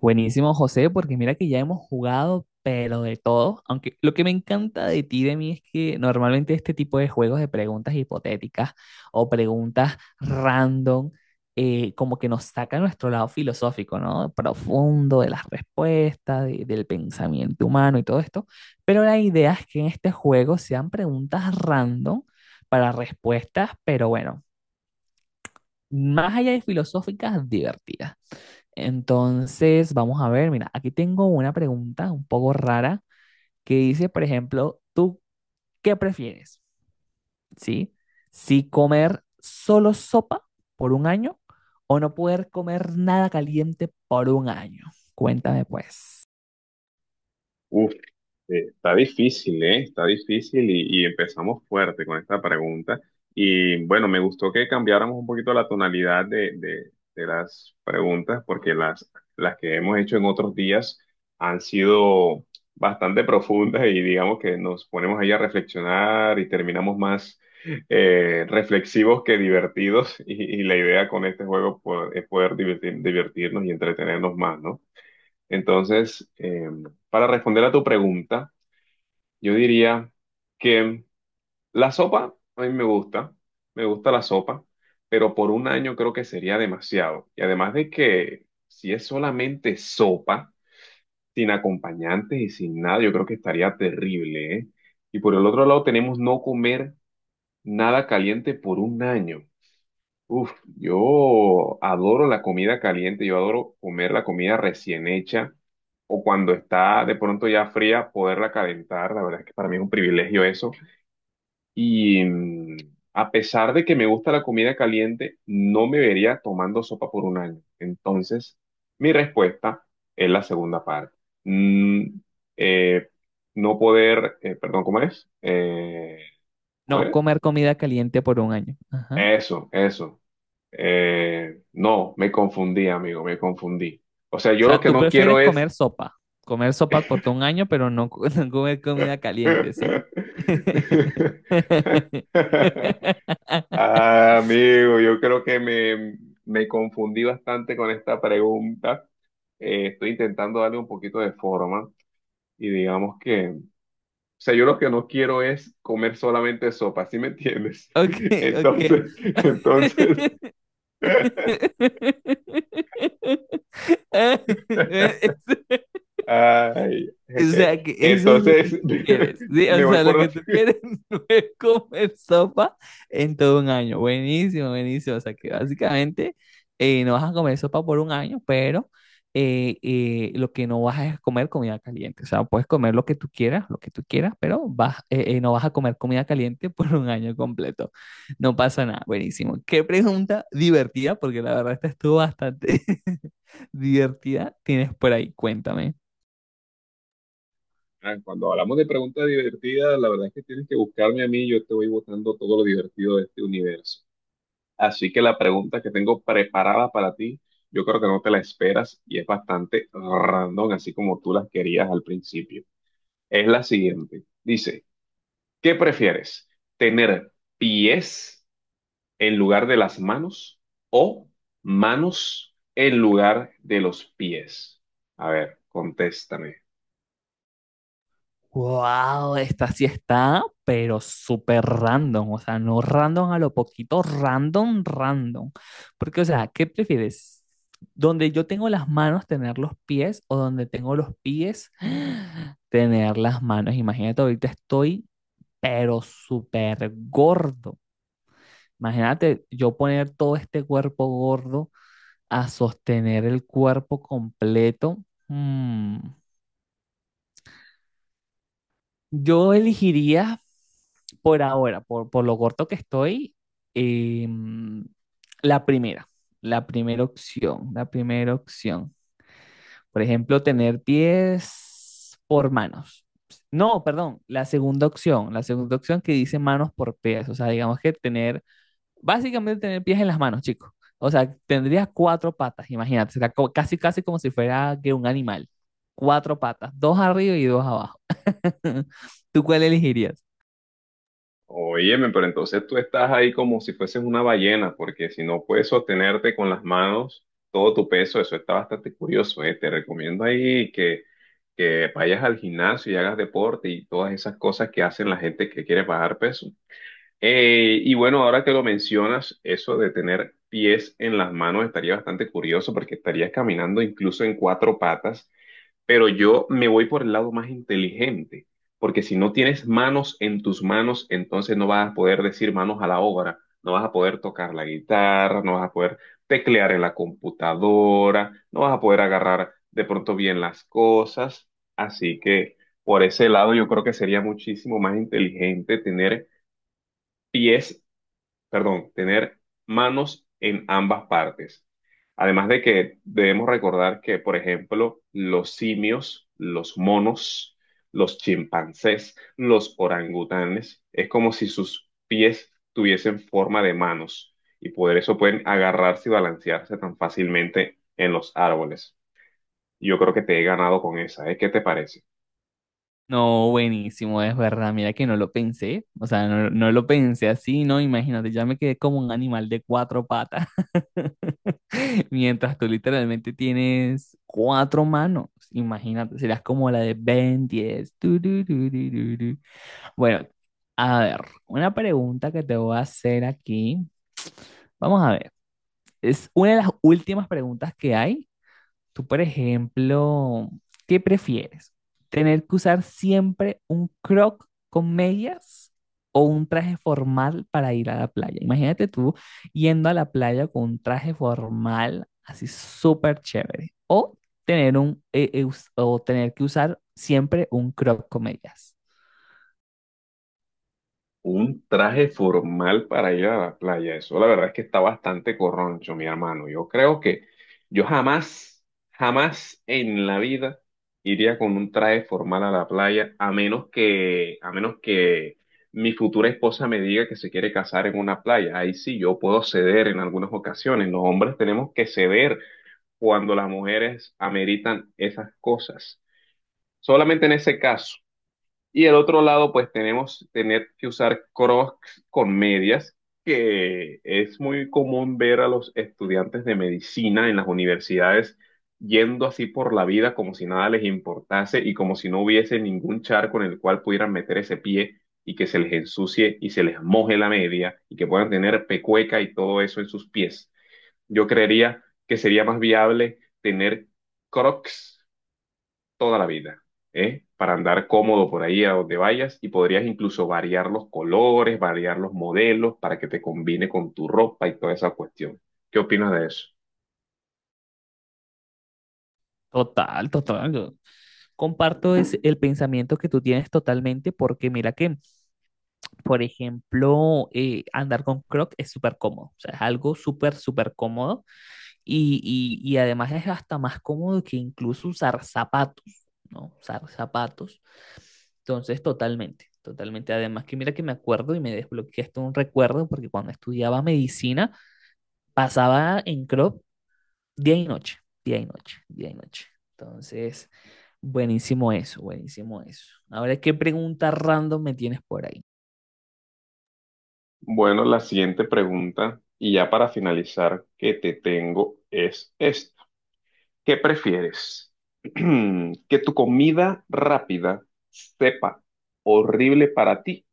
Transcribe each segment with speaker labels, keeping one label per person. Speaker 1: Buenísimo, José, porque mira que ya hemos jugado, pero de todo. Aunque lo que me encanta de ti, y de mí, es que normalmente este tipo de juegos de preguntas hipotéticas o preguntas random, como que nos saca nuestro lado filosófico, ¿no? Profundo de las respuestas, del pensamiento humano y todo esto. Pero la idea es que en este juego sean preguntas random para respuestas, pero bueno, más allá de filosóficas, divertidas. Entonces, vamos a ver, mira, aquí tengo una pregunta un poco rara que dice, por ejemplo, ¿tú qué prefieres? ¿Sí? Si comer solo sopa por un año o no poder comer nada caliente por un año. Cuéntame pues.
Speaker 2: Uf, está difícil, ¿eh? Está difícil y empezamos fuerte con esta pregunta. Y bueno, me gustó que cambiáramos un poquito la tonalidad de las preguntas porque las que hemos hecho en otros días han sido bastante profundas y digamos que nos ponemos ahí a reflexionar y terminamos más reflexivos que divertidos y la idea con este juego es poder divertirnos y entretenernos más, ¿no? Entonces, para responder a tu pregunta, yo diría que la sopa a mí me gusta la sopa, pero por un año creo que sería demasiado. Y además de que si es solamente sopa, sin acompañantes y sin nada, yo creo que estaría terrible, ¿eh? Y por el otro lado tenemos no comer nada caliente por un año. Uf, yo adoro la comida caliente, yo adoro comer la comida recién hecha o cuando está de pronto ya fría, poderla calentar. La verdad es que para mí es un privilegio eso. Y a pesar de que me gusta la comida caliente, no me vería tomando sopa por un año. Entonces, mi respuesta es la segunda parte. Mm, eh, no poder, perdón, ¿cómo es? ¿Cómo
Speaker 1: No
Speaker 2: es?
Speaker 1: comer comida caliente por un año. Ajá.
Speaker 2: Eso, eso. No, me confundí, amigo, me confundí. O sea,
Speaker 1: O
Speaker 2: yo lo
Speaker 1: sea,
Speaker 2: que
Speaker 1: tú
Speaker 2: no
Speaker 1: prefieres
Speaker 2: quiero es...
Speaker 1: comer sopa por todo un año, pero no, no comer comida caliente, ¿sí?
Speaker 2: Ah, amigo, yo creo que me confundí bastante con esta pregunta. Estoy intentando darle un poquito de forma y digamos que, o sea, yo lo que no quiero es comer solamente sopa, ¿sí me entiendes?
Speaker 1: Ok, ok.
Speaker 2: Entonces, entonces...
Speaker 1: Es-
Speaker 2: Ay,
Speaker 1: o
Speaker 2: jeje.
Speaker 1: sea, que eso es lo
Speaker 2: Entonces,
Speaker 1: que tú quieres. Sí, o
Speaker 2: me voy
Speaker 1: sea, lo
Speaker 2: por
Speaker 1: que
Speaker 2: la...
Speaker 1: tú quieres no es comer sopa en todo un año. Buenísimo, buenísimo. O sea, que básicamente no vas a comer sopa por un año, pero lo que no vas a es comer comida caliente. O sea, puedes comer lo que tú quieras, lo que tú quieras, pero vas, no vas a comer comida caliente por un año completo. No pasa nada. Buenísimo. Qué pregunta divertida, porque la verdad esta estuvo bastante divertida. Tienes por ahí, cuéntame.
Speaker 2: Cuando hablamos de preguntas divertidas, la verdad es que tienes que buscarme a mí, yo te voy botando todo lo divertido de este universo. Así que la pregunta que tengo preparada para ti, yo creo que no te la esperas y es bastante random, así como tú las querías al principio. Es la siguiente. Dice, ¿qué prefieres? ¿Tener pies en lugar de las manos o manos en lugar de los pies? A ver, contéstame.
Speaker 1: Wow, esta sí está, pero súper random, o sea, no random a lo poquito, random, random. Porque, o sea, ¿qué prefieres? ¿Donde yo tengo las manos, tener los pies, o donde tengo los pies, tener las manos? Imagínate, ahorita estoy, pero súper gordo. Imagínate yo poner todo este cuerpo gordo a sostener el cuerpo completo. Mm. Yo elegiría por ahora, por lo corto que estoy, em, la primera, la primera opción, la primera opción. Por ejemplo, tener pies por manos. No, perdón, la segunda opción que dice manos por pies. O sea, digamos que tener, básicamente tener pies en las manos, chicos. O sea, tendrías cuatro patas, imagínate, será casi, casi como si fuera que un animal. Cuatro patas, dos arriba y dos abajo. ¿Tú cuál elegirías?
Speaker 2: Óyeme, pero entonces tú estás ahí como si fueses una ballena, porque si no puedes sostenerte con las manos todo tu peso, eso está bastante curioso, ¿eh? Te recomiendo ahí que vayas al gimnasio y hagas deporte y todas esas cosas que hacen la gente que quiere bajar peso. Y bueno, ahora que lo mencionas, eso de tener pies en las manos estaría bastante curioso porque estarías caminando incluso en cuatro patas, pero yo me voy por el lado más inteligente, porque si no tienes manos en tus manos, entonces no vas a poder decir manos a la obra, no vas a poder tocar la guitarra, no vas a poder teclear en la computadora, no vas a poder agarrar de pronto bien las cosas, así que por ese lado yo creo que sería muchísimo más inteligente tener pies perdón, tener manos en ambas partes. Además de que debemos recordar que, por ejemplo, los simios, los monos, los chimpancés, los orangutanes, es como si sus pies tuviesen forma de manos y por eso pueden agarrarse y balancearse tan fácilmente en los árboles. Yo creo que te he ganado con esa, ¿eh? ¿Qué te parece?
Speaker 1: No, buenísimo, es verdad. Mira que no lo pensé. O sea, no, no lo pensé así, ¿no? Imagínate, ya me quedé como un animal de cuatro patas, mientras tú literalmente tienes cuatro manos. Imagínate, serás como la de Ben 10. Tu, tu, tu, tu, tu, tu. Bueno, a ver, una pregunta que te voy a hacer aquí. Vamos a ver, es una de las últimas preguntas que hay. Tú, por ejemplo, ¿qué prefieres? ¿Tener que usar siempre un croc con medias o un traje formal para ir a la playa? Imagínate tú yendo a la playa con un traje formal así súper chévere. O tener un, o tener que usar siempre un croc con medias.
Speaker 2: Un traje formal para ir a la playa. Eso la verdad es que está bastante corroncho, mi hermano. Yo creo que yo jamás, jamás en la vida iría con un traje formal a la playa, a menos que mi futura esposa me diga que se quiere casar en una playa. Ahí sí, yo puedo ceder en algunas ocasiones. Los hombres tenemos que ceder cuando las mujeres ameritan esas cosas. Solamente en ese caso. Y el otro lado, pues tenemos tener que usar crocs con medias, que es muy común ver a los estudiantes de medicina en las universidades yendo así por la vida como si nada les importase y como si no hubiese ningún charco en el cual pudieran meter ese pie y que se les ensucie y se les moje la media y que puedan tener pecueca y todo eso en sus pies. Yo creería que sería más viable tener crocs toda la vida, ¿eh? Para andar cómodo por ahí a donde vayas y podrías incluso variar los colores, variar los modelos para que te combine con tu ropa y toda esa cuestión. ¿Qué opinas de eso?
Speaker 1: Total, total. Yo comparto el pensamiento que tú tienes totalmente, porque mira que, por ejemplo, andar con Croc es súper cómodo, o sea, es algo súper, súper cómodo y, y además es hasta más cómodo que incluso usar zapatos, ¿no? Usar zapatos. Entonces, totalmente, totalmente. Además que mira que me acuerdo y me desbloqueé esto un recuerdo, porque cuando estudiaba medicina pasaba en Crop día y noche, día y noche, día y noche. Entonces, buenísimo eso, buenísimo eso. Ahora, ¿qué pregunta random me tienes por ahí?
Speaker 2: Bueno, la siguiente pregunta, y ya para finalizar, que te tengo es esta. ¿Qué prefieres? ¿Que tu comida rápida sepa horrible para ti,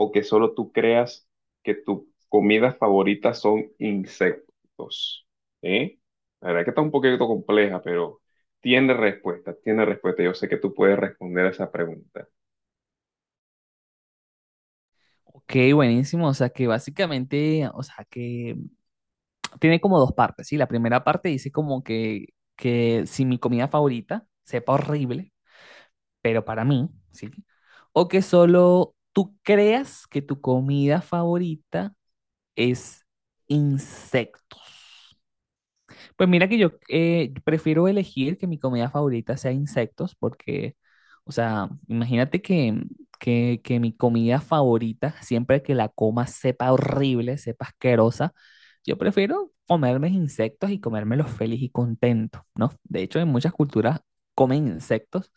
Speaker 2: o que solo tú creas que tu comida favorita son insectos? ¿Eh? La verdad que está un poquito compleja, pero tiene respuesta, tiene respuesta. Yo sé que tú puedes responder a esa pregunta.
Speaker 1: Ok, buenísimo. O sea que básicamente, o sea que tiene como dos partes, ¿sí? La primera parte dice como que si mi comida favorita sepa horrible, pero para mí, ¿sí? O que solo tú creas que tu comida favorita es insecto. Pues mira que yo prefiero elegir que mi comida favorita sea insectos porque, o sea, imagínate que, que mi comida favorita, siempre que la coma, sepa horrible, sepa asquerosa. Yo prefiero comerme insectos y comérmelos feliz y contento, ¿no? De hecho, en muchas culturas comen insectos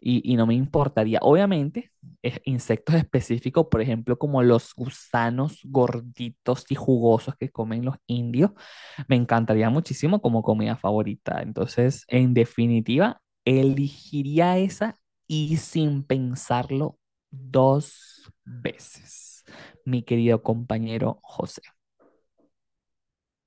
Speaker 1: y no me importaría. Obviamente, es insectos específicos, por ejemplo, como los gusanos gorditos y jugosos que comen los indios. Me encantaría muchísimo como comida favorita. Entonces, en definitiva, elegiría esa y sin pensarlo dos veces, mi querido compañero José.